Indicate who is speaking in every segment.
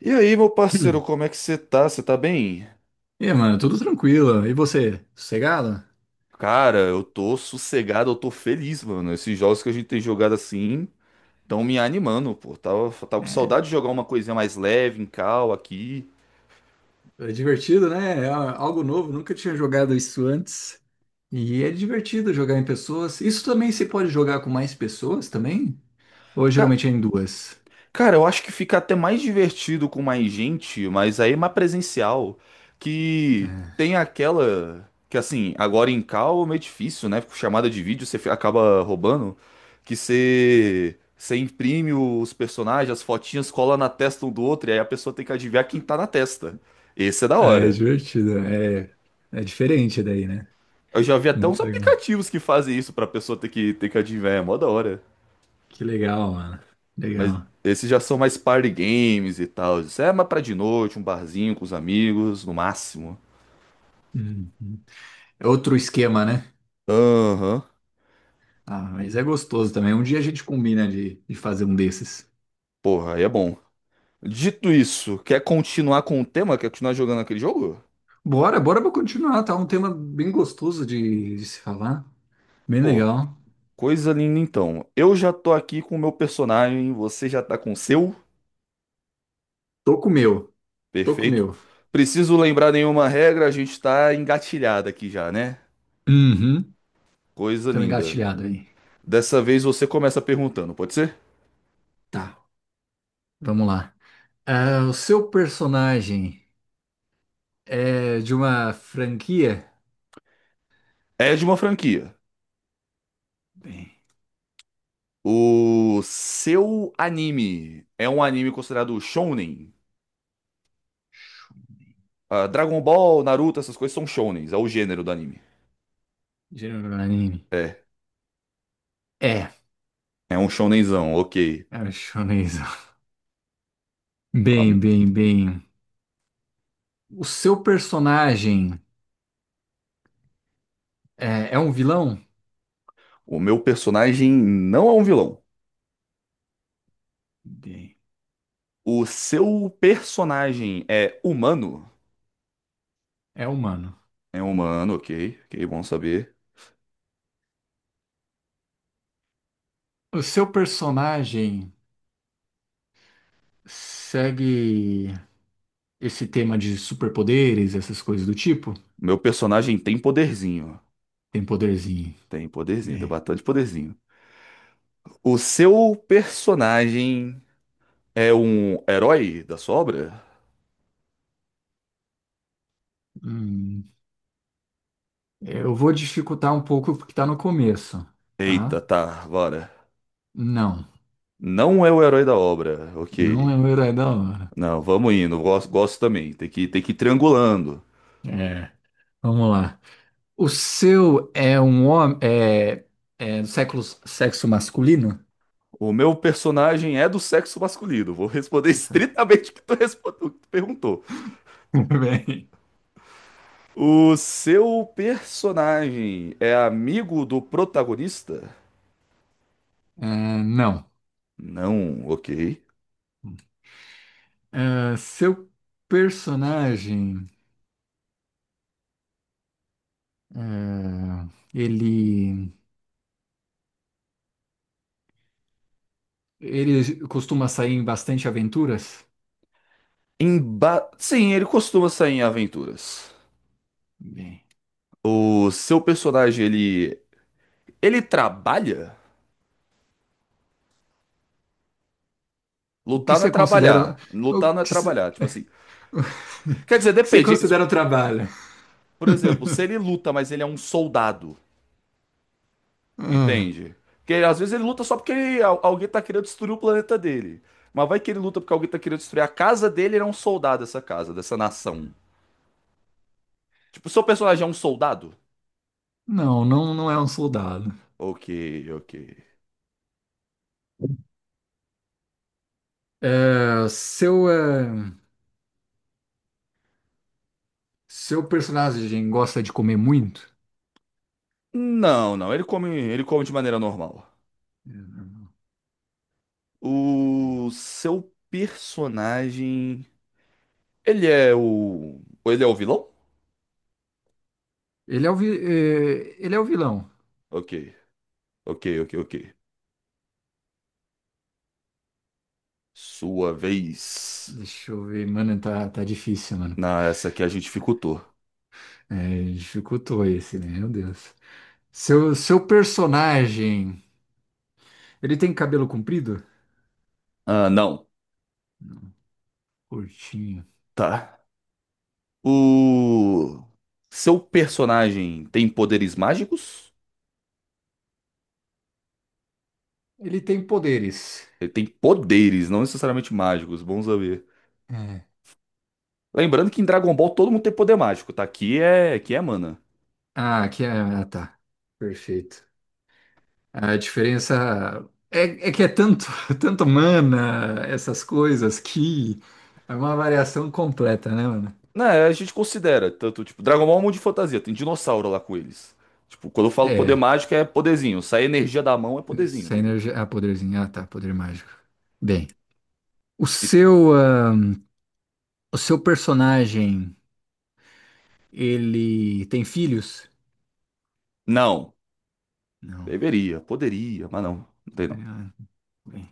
Speaker 1: E aí, meu parceiro,
Speaker 2: Hum.
Speaker 1: como é que você tá? Você tá bem?
Speaker 2: E aí, mano, tudo tranquilo. E você, sossegado?
Speaker 1: Cara, eu tô sossegado, eu tô feliz, mano. Esses jogos que a gente tem jogado assim estão me animando, pô. Tava com
Speaker 2: É,
Speaker 1: saudade de jogar uma coisinha mais leve, em cal aqui.
Speaker 2: É divertido, né? É algo novo, nunca tinha jogado isso antes. E é divertido jogar em pessoas. Isso também se pode jogar com mais pessoas também? Ou
Speaker 1: Ca-
Speaker 2: geralmente é em duas?
Speaker 1: Cara, eu acho que fica até mais divertido com mais gente, mas aí é mais presencial. Que tem aquela. Que assim, agora em call é meio difícil, né? Com chamada de vídeo você acaba roubando. Que você. Você imprime os personagens, as fotinhas, cola na testa um do outro, e aí a pessoa tem que adivinhar quem tá na testa. Esse é da
Speaker 2: Ah, é
Speaker 1: hora.
Speaker 2: divertido. É, é diferente daí, né?
Speaker 1: Eu já vi até uns
Speaker 2: Muito legal.
Speaker 1: aplicativos que fazem isso pra pessoa ter que adivinhar, é mó da hora.
Speaker 2: Que legal, mano.
Speaker 1: Mas
Speaker 2: Legal.
Speaker 1: esses já são mais party games e tal. Isso é mais pra de noite, um barzinho com os amigos, no máximo.
Speaker 2: Uhum. É outro esquema, né?
Speaker 1: Aham.
Speaker 2: Ah, mas é gostoso também. Um dia a gente combina de fazer um desses.
Speaker 1: Porra, aí é bom. Dito isso, quer continuar com o tema? Quer continuar jogando aquele jogo?
Speaker 2: Bora pra continuar, tá? Um tema bem gostoso de se falar. Bem
Speaker 1: Pô,
Speaker 2: legal.
Speaker 1: coisa linda então. Eu já tô aqui com o meu personagem, você já tá com o seu?
Speaker 2: Tô com o meu, tô com o
Speaker 1: Perfeito.
Speaker 2: meu.
Speaker 1: Preciso lembrar nenhuma regra, a gente tá engatilhado aqui já, né?
Speaker 2: Uhum.
Speaker 1: Coisa
Speaker 2: Tamo
Speaker 1: linda.
Speaker 2: engatilhado aí.
Speaker 1: Dessa vez você começa perguntando, pode ser?
Speaker 2: Tá, vamos lá. Ah, o seu personagem é de uma franquia?
Speaker 1: É de uma franquia.
Speaker 2: Bem,
Speaker 1: O seu anime é um anime considerado shounen? Ah, Dragon Ball, Naruto, essas coisas são shounens, é o gênero do anime.
Speaker 2: gênero do anime.
Speaker 1: É,
Speaker 2: É,
Speaker 1: é um shounenzão, ok.
Speaker 2: é um shonen.
Speaker 1: Ah,
Speaker 2: Bem. O seu personagem é um vilão?
Speaker 1: o meu personagem não é um vilão.
Speaker 2: Bem,
Speaker 1: O seu personagem é humano?
Speaker 2: é humano.
Speaker 1: É humano, ok, ok, bom saber.
Speaker 2: O seu personagem segue esse tema de superpoderes, essas coisas do tipo,
Speaker 1: Meu personagem tem poderzinho.
Speaker 2: tem poderzinho,
Speaker 1: Tem poderzinho, tem
Speaker 2: né?
Speaker 1: bastante poderzinho. O seu personagem é um herói da sua obra?
Speaker 2: Hum, eu vou dificultar um pouco porque tá no começo,
Speaker 1: Eita,
Speaker 2: tá?
Speaker 1: tá, bora.
Speaker 2: Não,
Speaker 1: Não é o herói da obra,
Speaker 2: não
Speaker 1: ok.
Speaker 2: é o herói da hora.
Speaker 1: Não, vamos indo, gosto, gosto também. Tem que ir triangulando.
Speaker 2: É, vamos lá. O seu é um homem, é do século, sexo masculino?
Speaker 1: O meu personagem é do sexo masculino. Vou responder
Speaker 2: Nossa,
Speaker 1: estritamente o que tu, o que tu perguntou.
Speaker 2: muito bem.
Speaker 1: O seu personagem é amigo do protagonista?
Speaker 2: É, não.
Speaker 1: Não, ok.
Speaker 2: Seu personagem, é, ele, ele costuma sair em bastante aventuras?
Speaker 1: Emba... Sim, ele costuma sair em aventuras.
Speaker 2: Bem.
Speaker 1: O seu personagem, ele. Ele trabalha?
Speaker 2: O que
Speaker 1: Lutar não é
Speaker 2: você considera.
Speaker 1: trabalhar.
Speaker 2: O
Speaker 1: Lutar não é
Speaker 2: que você,
Speaker 1: trabalhar. Tipo assim. Quer dizer,
Speaker 2: o que você
Speaker 1: depende.
Speaker 2: considera o trabalho?
Speaker 1: Por exemplo, se ele luta, mas ele é um soldado,
Speaker 2: Ah,
Speaker 1: entende? Porque às vezes ele luta só porque alguém tá querendo destruir o planeta dele. Mas vai que ele luta porque alguém tá querendo destruir a casa dele, ele é um soldado dessa casa, dessa nação. Tipo, seu personagem é um soldado?
Speaker 2: não, não é um soldado.
Speaker 1: Ok, ok.
Speaker 2: É, seu, é, seu personagem gosta de comer muito?
Speaker 1: Não, não, ele come de maneira normal. O seu personagem, ele é o vilão?
Speaker 2: Ele é o, vi- é, ele é o vilão.
Speaker 1: Ok, ok, ok, ok. Sua vez.
Speaker 2: Deixa eu ver, mano, tá, tá difícil, mano.
Speaker 1: Na essa aqui a gente dificultou.
Speaker 2: É, dificultou esse, né? Meu Deus. Seu personagem, ele tem cabelo comprido?
Speaker 1: Ah, não.
Speaker 2: Curtinho.
Speaker 1: Tá. O seu personagem tem poderes mágicos?
Speaker 2: Ele tem poderes.
Speaker 1: Ele tem poderes, não necessariamente mágicos, bom saber.
Speaker 2: É.
Speaker 1: Lembrando que em Dragon Ball todo mundo tem poder mágico, tá? Aqui é mana.
Speaker 2: Ah, aqui é. Ah, tá. Perfeito. A diferença é que é tanto, tanto mana, essas coisas, que é uma variação completa, né, mano?
Speaker 1: Né, a gente considera, tanto, tipo, Dragon Ball é um mundo de fantasia, tem dinossauro lá com eles. Tipo, quando eu falo poder
Speaker 2: É.
Speaker 1: mágico é poderzinho, sai energia da mão é poderzinho,
Speaker 2: Essa
Speaker 1: entendeu?
Speaker 2: energia. Ah, poderzinho. Ah, tá. Poder mágico. Bem. O
Speaker 1: E-
Speaker 2: seu, ah, o seu personagem, ele tem filhos?
Speaker 1: não,
Speaker 2: Não.
Speaker 1: deveria, poderia, mas não, não tem não.
Speaker 2: Ah, bem.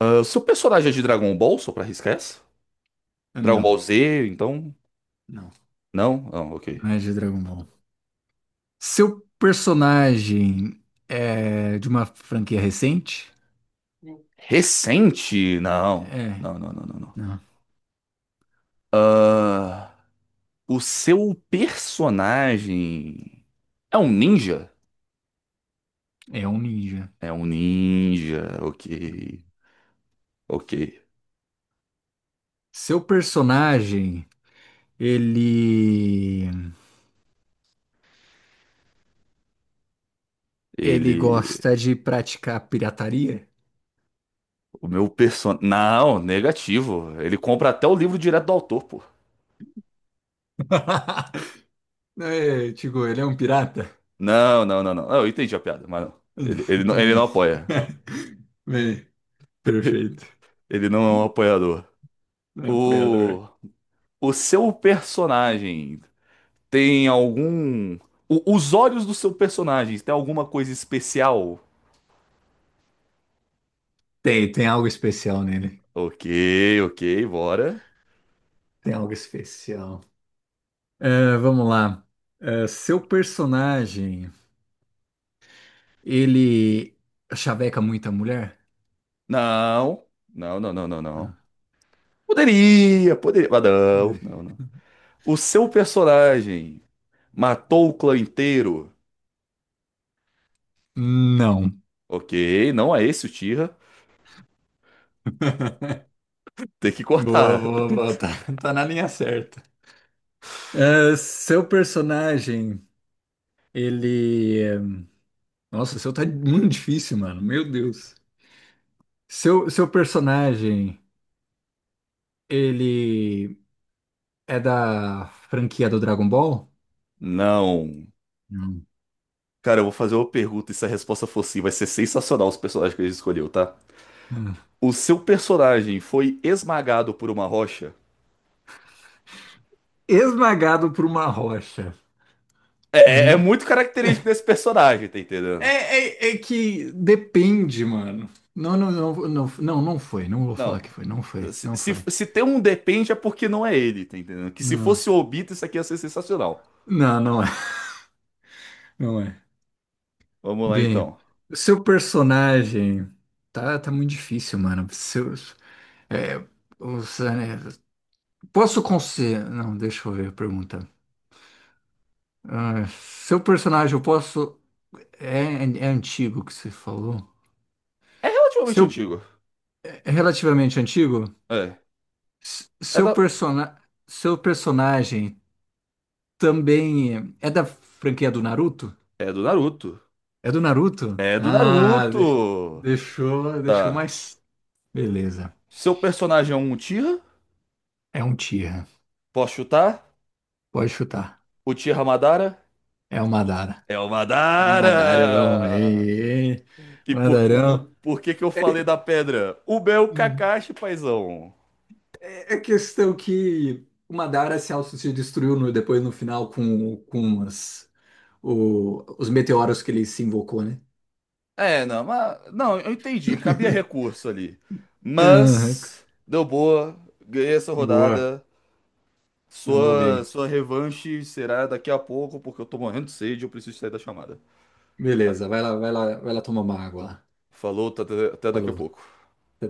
Speaker 1: Ah, seu personagem é de Dragon Ball, só pra arriscar essa?
Speaker 2: Ah,
Speaker 1: Dragon
Speaker 2: Não.
Speaker 1: Ball Z, então?
Speaker 2: Não.
Speaker 1: Não? Não, ok.
Speaker 2: Não é de Dragon Ball. Seu personagem é de uma franquia recente?
Speaker 1: Recente? Não.
Speaker 2: É.
Speaker 1: Não, não, não, não, não.
Speaker 2: Não.
Speaker 1: O seu personagem é um ninja?
Speaker 2: É um ninja.
Speaker 1: É um ninja, ok. Ok.
Speaker 2: Seu personagem, ele ele
Speaker 1: Ele.
Speaker 2: gosta de praticar pirataria?
Speaker 1: O meu personagem. Não, negativo. Ele compra até o livro direto do autor, pô.
Speaker 2: É, tipo, ele é um pirata?
Speaker 1: Não, não, não, não. Eu entendi a piada, mas não. Ele, ele não
Speaker 2: Bem,
Speaker 1: apoia.
Speaker 2: bem, perfeito.
Speaker 1: Ele não é um apoiador.
Speaker 2: É apoiador.
Speaker 1: O, o seu personagem tem algum. Os olhos do seu personagem tem alguma coisa especial?
Speaker 2: Tem, tem algo especial nele.
Speaker 1: Ok, ok, bora.
Speaker 2: Tem algo especial. É, vamos lá. É, seu personagem, ele chaveca muita mulher?
Speaker 1: Não, não, não, não, não, não.
Speaker 2: Ah,
Speaker 1: Poderia, poderia, mas não,
Speaker 2: é.
Speaker 1: não, não. O seu personagem matou o clã inteiro?
Speaker 2: Não.
Speaker 1: Ok, não é esse o Tira. Tem que
Speaker 2: Boa,
Speaker 1: cortar.
Speaker 2: boa, boa. Tá, tá na linha certa. Ah, seu personagem, ele. Nossa, o seu tá muito difícil, mano. Meu Deus. Seu personagem, ele é da franquia do Dragon Ball?
Speaker 1: Não.
Speaker 2: Não.
Speaker 1: Cara, eu vou fazer uma pergunta e se a resposta for sim, vai ser sensacional os personagens que ele escolheu, tá?
Speaker 2: Hum.
Speaker 1: O seu personagem foi esmagado por uma rocha?
Speaker 2: Esmagado por uma rocha.
Speaker 1: É, é muito característico desse personagem, tá
Speaker 2: É,
Speaker 1: entendendo?
Speaker 2: é que depende, mano. Não foi. Não vou falar que
Speaker 1: Não.
Speaker 2: foi. Não foi.
Speaker 1: Se,
Speaker 2: Não
Speaker 1: se,
Speaker 2: foi.
Speaker 1: se tem um depende é porque não é ele, tá entendendo? Que se
Speaker 2: Não.
Speaker 1: fosse o Obito, isso aqui ia ser sensacional.
Speaker 2: Não, não é. Não é.
Speaker 1: Vamos lá
Speaker 2: Bem,
Speaker 1: então.
Speaker 2: seu personagem. Tá, tá muito difícil, mano. Seu, É, os, é, posso considerar. Não, deixa eu ver a pergunta. Ah, seu personagem, eu posso. É, é antigo que você falou?
Speaker 1: É relativamente
Speaker 2: Seu,
Speaker 1: antigo.
Speaker 2: é relativamente antigo?
Speaker 1: É.
Speaker 2: S-
Speaker 1: É,
Speaker 2: Seu,
Speaker 1: da,
Speaker 2: persona, seu personagem também é da franquia do Naruto?
Speaker 1: é do Naruto.
Speaker 2: É do Naruto?
Speaker 1: É do Naruto!
Speaker 2: Deixou, deixou
Speaker 1: Tá.
Speaker 2: mais. Beleza.
Speaker 1: Seu personagem é um Uchiha?
Speaker 2: É um Tira.
Speaker 1: Posso chutar?
Speaker 2: Pode chutar.
Speaker 1: Uchiha Madara?
Speaker 2: É um Madara.
Speaker 1: É o
Speaker 2: É um Madarão,
Speaker 1: Madara!
Speaker 2: hein?
Speaker 1: E
Speaker 2: Madarão.
Speaker 1: por que que eu falei da pedra? O meu Kakashi, paizão.
Speaker 2: É questão que o Madara se autodestruiu no, depois no final com as, os meteoros que ele se invocou, né?
Speaker 1: É, não, mas. Não, eu entendi, cabia recurso ali.
Speaker 2: Aham.
Speaker 1: Mas. Deu boa, ganhei essa
Speaker 2: Boa,
Speaker 1: rodada.
Speaker 2: andou
Speaker 1: Sua,
Speaker 2: bem.
Speaker 1: sua revanche será daqui a pouco, porque eu tô morrendo de sede e eu preciso sair da chamada.
Speaker 2: Beleza, vai lá, vai lá, vai lá tomar uma água lá.
Speaker 1: Falou, até daqui a
Speaker 2: Falou. Até
Speaker 1: pouco.
Speaker 2: daqui.